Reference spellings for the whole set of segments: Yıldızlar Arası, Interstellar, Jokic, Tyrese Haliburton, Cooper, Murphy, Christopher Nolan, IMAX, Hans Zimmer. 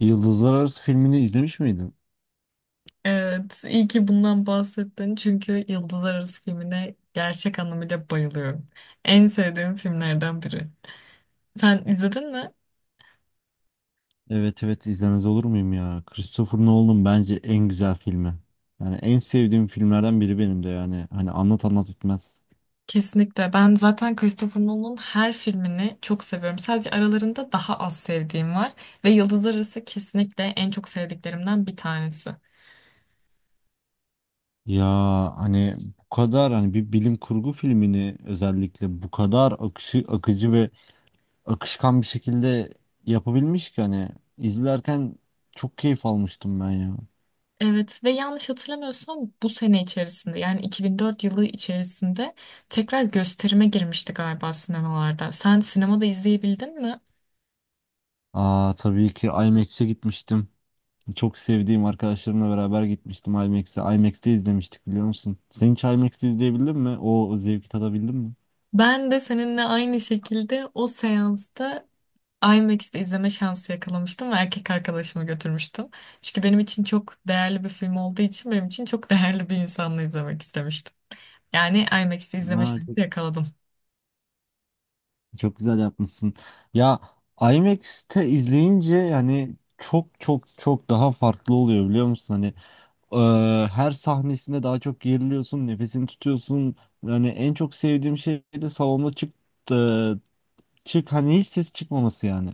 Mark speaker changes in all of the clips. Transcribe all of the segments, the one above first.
Speaker 1: Yıldızlar Arası filmini izlemiş miydin?
Speaker 2: Evet, iyi ki bundan bahsettin çünkü Yıldızlar Arası filmine gerçek anlamıyla bayılıyorum. En sevdiğim filmlerden biri. Sen izledin mi?
Speaker 1: Evet evet izlemez olur muyum ya? Christopher Nolan'ın bence en güzel filmi. Yani en sevdiğim filmlerden biri benim de yani. Hani anlat anlat bitmez.
Speaker 2: Kesinlikle. Ben zaten Christopher Nolan'ın her filmini çok seviyorum. Sadece aralarında daha az sevdiğim var ve Yıldızlar Arası kesinlikle en çok sevdiklerimden bir tanesi.
Speaker 1: Ya hani bu kadar hani bir bilim kurgu filmini özellikle bu kadar akışı, akıcı ve akışkan bir şekilde yapabilmiş ki hani izlerken çok keyif almıştım ben ya.
Speaker 2: Evet ve yanlış hatırlamıyorsam bu sene içerisinde yani 2004 yılı içerisinde tekrar gösterime girmişti galiba sinemalarda. Sen sinemada izleyebildin mi?
Speaker 1: Aa, tabii ki IMAX'e gitmiştim. Çok sevdiğim arkadaşlarımla beraber gitmiştim IMAX'e. IMAX'te izlemiştik biliyor musun? Sen hiç IMAX'te izleyebildin mi? O zevki tadabildin mi?
Speaker 2: Ben de seninle aynı şekilde o seansta IMAX'te izleme şansı yakalamıştım ve erkek arkadaşımı götürmüştüm. Çünkü benim için çok değerli bir film olduğu için benim için çok değerli bir insanla izlemek istemiştim. Yani IMAX'te izleme
Speaker 1: Aa,
Speaker 2: şansı yakaladım.
Speaker 1: çok güzel yapmışsın. Ya IMAX'te izleyince yani çok çok çok daha farklı oluyor biliyor musun? Hani her sahnesinde daha çok geriliyorsun, nefesini tutuyorsun. Yani en çok sevdiğim şey de salonda e, çık hani hiç ses çıkmaması yani.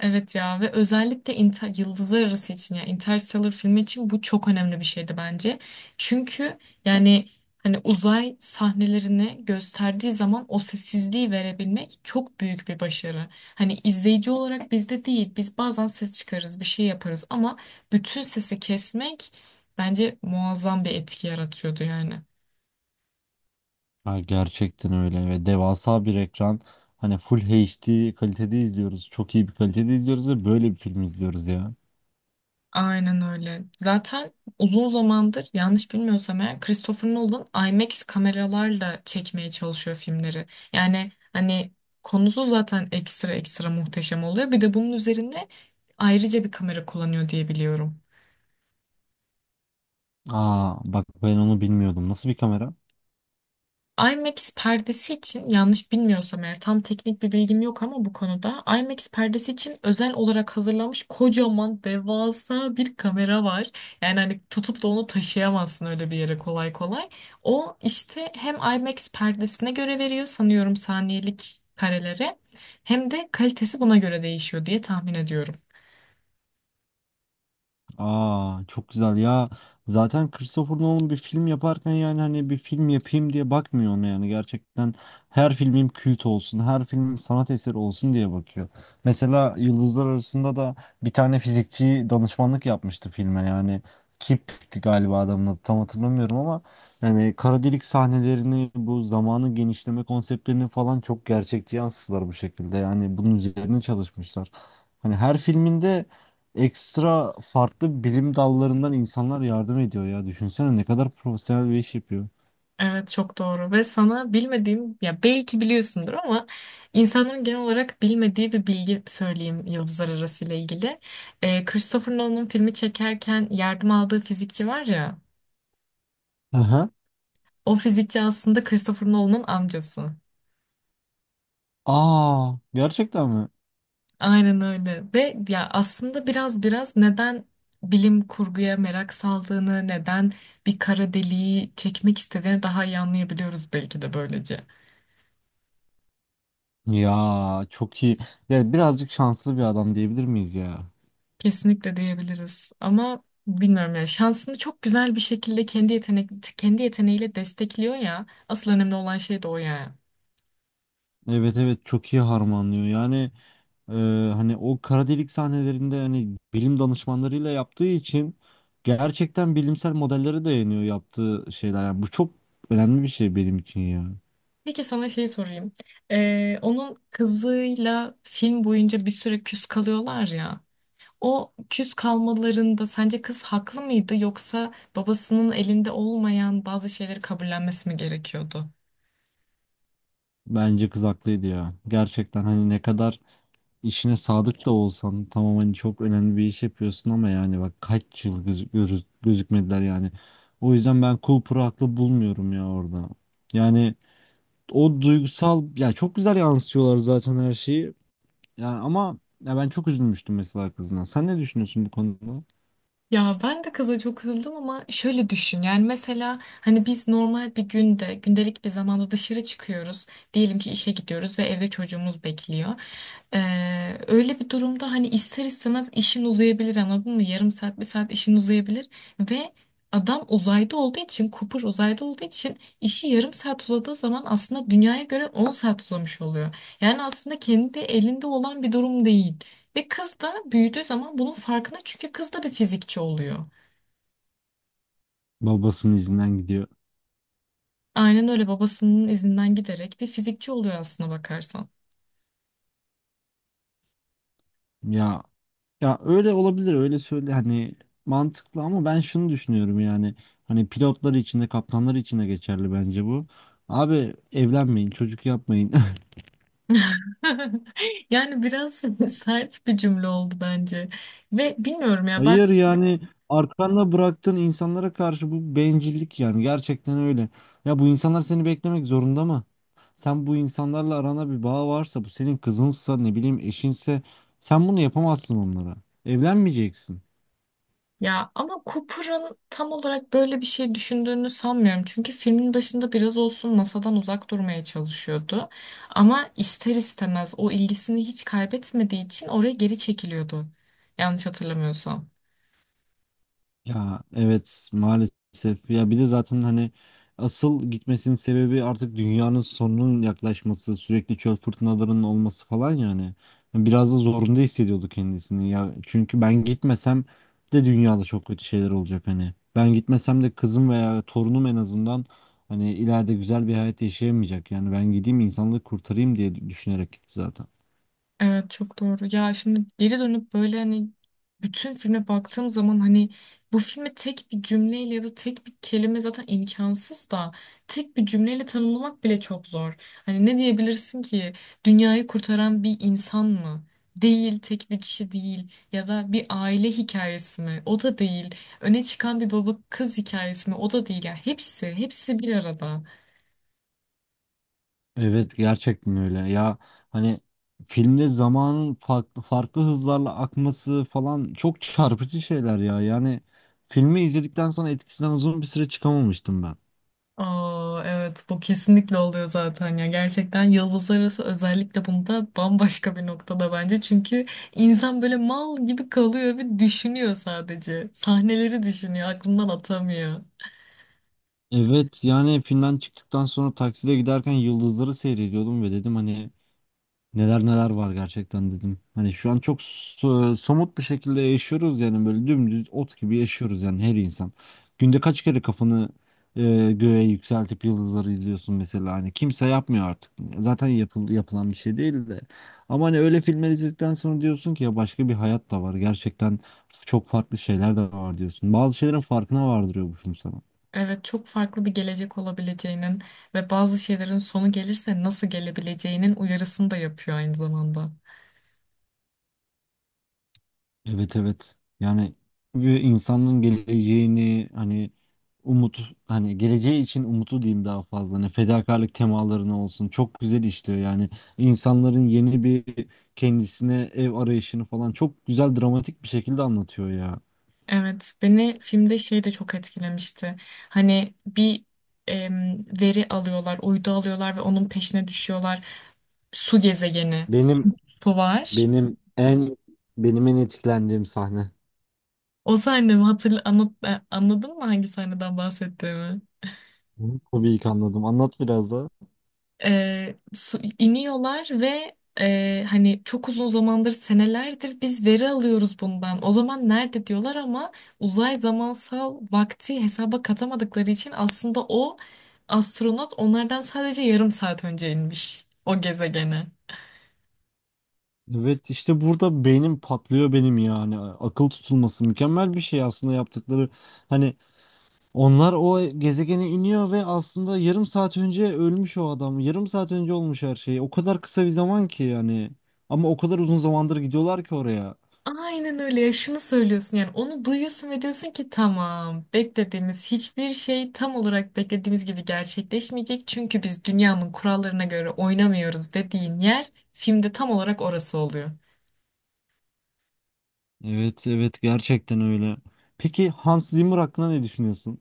Speaker 2: Evet ya, ve özellikle Yıldızlar Arası için, ya Interstellar filmi için, bu çok önemli bir şeydi bence. Çünkü yani hani uzay sahnelerini gösterdiği zaman o sessizliği verebilmek çok büyük bir başarı. Hani izleyici olarak bizde değil, biz bazen ses çıkarırız, bir şey yaparız, ama bütün sesi kesmek bence muazzam bir etki yaratıyordu yani.
Speaker 1: Ha, gerçekten öyle ve devasa bir ekran. Hani full HD kalitede izliyoruz. Çok iyi bir kalitede izliyoruz ve böyle bir film izliyoruz ya.
Speaker 2: Aynen öyle. Zaten uzun zamandır, yanlış bilmiyorsam eğer, Christopher Nolan IMAX kameralarla çekmeye çalışıyor filmleri. Yani hani konusu zaten ekstra ekstra muhteşem oluyor. Bir de bunun üzerine ayrıca bir kamera kullanıyor diye biliyorum.
Speaker 1: Aa, bak ben onu bilmiyordum. Nasıl bir kamera?
Speaker 2: IMAX perdesi için, yanlış bilmiyorsam eğer, tam teknik bir bilgim yok ama bu konuda, IMAX perdesi için özel olarak hazırlanmış kocaman devasa bir kamera var. Yani hani tutup da onu taşıyamazsın öyle bir yere kolay kolay. O işte hem IMAX perdesine göre veriyor sanıyorum saniyelik karelere, hem de kalitesi buna göre değişiyor diye tahmin ediyorum.
Speaker 1: Aa, çok güzel ya. Zaten Christopher Nolan bir film yaparken yani hani bir film yapayım diye bakmıyor ona yani. Gerçekten her filmim kült olsun, her filmim sanat eseri olsun diye bakıyor. Mesela Yıldızlar Arasında da bir tane fizikçi danışmanlık yapmıştı filme yani. Kip'ti galiba adamın adı tam hatırlamıyorum ama yani kara delik sahnelerini bu zamanı genişleme konseptlerini falan çok gerçekçi yansıttılar bu şekilde. Yani bunun üzerine çalışmışlar. Hani her filminde ekstra farklı bilim dallarından insanlar yardım ediyor ya. Düşünsene ne kadar profesyonel bir iş yapıyor.
Speaker 2: Evet çok doğru. Ve sana bilmediğim, ya belki biliyorsundur ama, insanların genel olarak bilmediği bir bilgi söyleyeyim Yıldızlar Arası ile ilgili. Christopher Nolan'ın filmi çekerken yardım aldığı fizikçi var ya,
Speaker 1: Aha.
Speaker 2: o fizikçi aslında Christopher Nolan'ın amcası.
Speaker 1: Aa, gerçekten mi?
Speaker 2: Aynen öyle. Ve ya aslında biraz neden bilim kurguya merak saldığını, neden bir kara deliği çekmek istediğini daha iyi anlayabiliyoruz belki de böylece.
Speaker 1: Ya çok iyi. Ya birazcık şanslı bir adam diyebilir miyiz ya?
Speaker 2: Kesinlikle diyebiliriz ama, bilmiyorum ya, şansını çok güzel bir şekilde kendi yeteneğiyle destekliyor ya, asıl önemli olan şey de o ya.
Speaker 1: Evet evet çok iyi harmanlıyor. Yani e, hani o kara delik sahnelerinde hani bilim danışmanlarıyla yaptığı için gerçekten bilimsel modellere dayanıyor yaptığı şeyler. Yani bu çok önemli bir şey benim için ya.
Speaker 2: Peki sana şeyi sorayım. Onun kızıyla film boyunca bir süre küs kalıyorlar ya. O küs kalmalarında sence kız haklı mıydı, yoksa babasının elinde olmayan bazı şeyleri kabullenmesi mi gerekiyordu?
Speaker 1: Bence kız haklıydı ya. Gerçekten hani ne kadar işine sadık da olsan tamam hani çok önemli bir iş yapıyorsun ama yani bak kaç yıl gözükmediler yani. O yüzden ben Cooper'ı haklı bulmuyorum ya orada. Yani o duygusal ya çok güzel yansıtıyorlar zaten her şeyi. Yani ama ya ben çok üzülmüştüm mesela kızına. Sen ne düşünüyorsun bu konuda?
Speaker 2: Ya ben de kıza çok üzüldüm ama şöyle düşün, yani mesela hani biz normal bir günde, gündelik bir zamanda dışarı çıkıyoruz, diyelim ki işe gidiyoruz ve evde çocuğumuz bekliyor. Öyle bir durumda hani ister istemez işin uzayabilir, anladın mı? Yarım saat, bir saat işin uzayabilir ve adam uzayda olduğu için, Cooper uzayda olduğu için, işi 0,5 saat uzadığı zaman aslında dünyaya göre 10 saat uzamış oluyor. Yani aslında kendi elinde olan bir durum değil. Ve kız da büyüdüğü zaman bunun farkında, çünkü kız da bir fizikçi oluyor.
Speaker 1: Babasının izinden gidiyor.
Speaker 2: Aynen öyle, babasının izinden giderek bir fizikçi oluyor aslına bakarsan.
Speaker 1: Ya Ya öyle olabilir öyle söyle hani mantıklı ama ben şunu düşünüyorum yani hani pilotlar için de kaptanlar için de geçerli bence bu. Abi evlenmeyin çocuk yapmayın.
Speaker 2: Yani biraz sert bir cümle oldu bence. Ve bilmiyorum ya.
Speaker 1: Hayır yani arkanda bıraktığın insanlara karşı bu bencillik yani gerçekten öyle. Ya bu insanlar seni beklemek zorunda mı? Sen bu insanlarla arana bir bağ varsa bu senin kızınsa ne bileyim eşinse sen bunu yapamazsın onlara. Evlenmeyeceksin.
Speaker 2: Ya ama Cooper'ın tam olarak böyle bir şey düşündüğünü sanmıyorum. Çünkü filmin başında biraz olsun masadan uzak durmaya çalışıyordu. Ama ister istemez o ilgisini hiç kaybetmediği için oraya geri çekiliyordu. Yanlış hatırlamıyorsam.
Speaker 1: Ya evet maalesef ya bir de zaten hani asıl gitmesinin sebebi artık dünyanın sonunun yaklaşması sürekli çöl fırtınalarının olması falan yani. Hani, biraz da zorunda hissediyordu kendisini ya çünkü ben gitmesem de dünyada çok kötü şeyler olacak hani ben gitmesem de kızım veya torunum en azından hani ileride güzel bir hayat yaşayamayacak yani ben gideyim insanlığı kurtarayım diye düşünerek gitti zaten.
Speaker 2: Evet çok doğru. Ya şimdi geri dönüp böyle, hani bütün filme baktığım zaman, hani bu filmi tek bir cümleyle ya da tek bir kelime, zaten imkansız da, tek bir cümleyle tanımlamak bile çok zor. Hani ne diyebilirsin ki? Dünyayı kurtaran bir insan mı? Değil, tek bir kişi değil. Ya da bir aile hikayesi mi? O da değil. Öne çıkan bir baba kız hikayesi mi? O da değil. Ya hepsi, hepsi bir arada.
Speaker 1: Evet gerçekten öyle ya hani filmde zamanın farklı farklı hızlarla akması falan çok çarpıcı şeyler ya yani filmi izledikten sonra etkisinden uzun bir süre çıkamamıştım ben.
Speaker 2: Aa, evet, bu kesinlikle oluyor zaten ya. Gerçekten Yıldızlar Arası özellikle bunda bambaşka bir noktada bence, çünkü insan böyle mal gibi kalıyor ve düşünüyor, sadece sahneleri düşünüyor, aklından atamıyor.
Speaker 1: Evet yani filmden çıktıktan sonra takside giderken yıldızları seyrediyordum ve dedim hani neler neler var gerçekten dedim. Hani şu an çok somut bir şekilde yaşıyoruz yani böyle dümdüz ot gibi yaşıyoruz yani her insan. Günde kaç kere kafanı e, göğe yükseltip yıldızları izliyorsun mesela hani kimse yapmıyor artık. Zaten yapılan bir şey değil de. Ama hani öyle filmler izledikten sonra diyorsun ki ya başka bir hayat da var. Gerçekten çok farklı şeyler de var diyorsun. Bazı şeylerin farkına vardırıyor bu film sana.
Speaker 2: Evet, çok farklı bir gelecek olabileceğinin ve bazı şeylerin sonu gelirse nasıl gelebileceğinin uyarısını da yapıyor aynı zamanda.
Speaker 1: Evet evet. Yani ve insanın geleceğini hani umut hani geleceği için umutu diyeyim daha fazla. Hani fedakarlık temalarını olsun. Çok güzel işliyor yani. İnsanların yeni bir kendisine ev arayışını falan çok güzel dramatik bir şekilde anlatıyor ya.
Speaker 2: Evet, beni filmde şey de çok etkilemişti. Hani bir veri alıyorlar, uydu alıyorlar ve onun peşine düşüyorlar. Su gezegeni,
Speaker 1: Benim
Speaker 2: su var.
Speaker 1: benim en benim en etkilendiğim sahne.
Speaker 2: O sahne mi? Hatırla, anlat, anladın mı hangi sahneden bahsettiğimi?
Speaker 1: Bunu tabii ki anladım. Anlat biraz daha.
Speaker 2: İniyorlar ve hani çok uzun zamandır, senelerdir biz veri alıyoruz bundan, o zaman nerede diyorlar, ama uzay zamansal vakti hesaba katamadıkları için aslında o astronot onlardan sadece yarım saat önce inmiş o gezegene.
Speaker 1: Evet işte burada beynim patlıyor benim yani. Akıl tutulması mükemmel bir şey aslında yaptıkları. Hani onlar o gezegene iniyor ve aslında yarım saat önce ölmüş o adam. Yarım saat önce olmuş her şey. O kadar kısa bir zaman ki yani. Ama o kadar uzun zamandır gidiyorlar ki oraya.
Speaker 2: Aynen öyle ya. Şunu söylüyorsun yani, onu duyuyorsun ve diyorsun ki, tamam, beklediğimiz hiçbir şey tam olarak beklediğimiz gibi gerçekleşmeyecek, çünkü biz dünyanın kurallarına göre oynamıyoruz, dediğin yer filmde tam olarak orası oluyor.
Speaker 1: Evet, evet gerçekten öyle. Peki Hans Zimmer hakkında ne düşünüyorsun?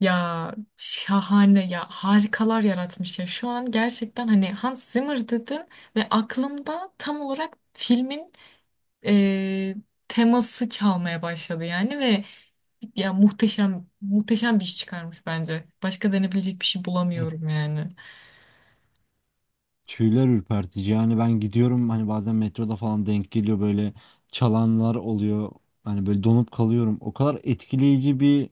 Speaker 2: Ya şahane ya, harikalar yaratmış ya. Şu an gerçekten, hani Hans Zimmer dedin ve aklımda tam olarak filmin eee, teması çalmaya başladı yani. Ve ya muhteşem, muhteşem bir iş çıkarmış bence. Başka denebilecek bir şey
Speaker 1: Evet.
Speaker 2: bulamıyorum yani.
Speaker 1: Tüyler ürpertici. Yani ben gidiyorum hani bazen metroda falan denk geliyor, böyle çalanlar oluyor. Hani böyle donup kalıyorum. O kadar etkileyici bir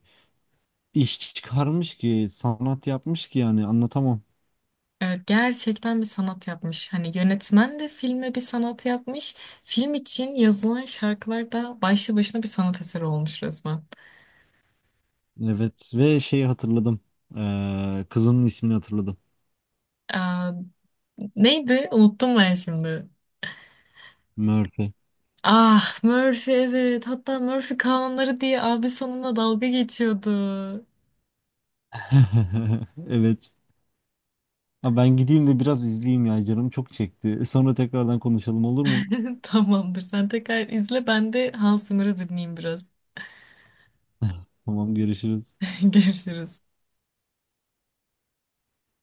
Speaker 1: iş çıkarmış ki, sanat yapmış ki yani anlatamam.
Speaker 2: Evet, gerçekten bir sanat yapmış. Hani yönetmen de filme bir sanat yapmış. Film için yazılan şarkılar da başlı başına bir sanat eseri olmuş resmen.
Speaker 1: Evet ve şeyi hatırladım. Kızının ismini hatırladım.
Speaker 2: Aa, neydi? Unuttum ben şimdi.
Speaker 1: Murphy.
Speaker 2: Ah, Murphy, evet. Hatta Murphy kanunları diye abi sonuna dalga geçiyordu.
Speaker 1: Evet. Ha, ben gideyim de biraz izleyeyim ya canım çok çekti. Sonra tekrardan konuşalım, olur mu?
Speaker 2: Tamamdır. Sen tekrar izle. Ben de Hans Zimmer'ı dinleyeyim biraz.
Speaker 1: Tamam görüşürüz.
Speaker 2: Görüşürüz.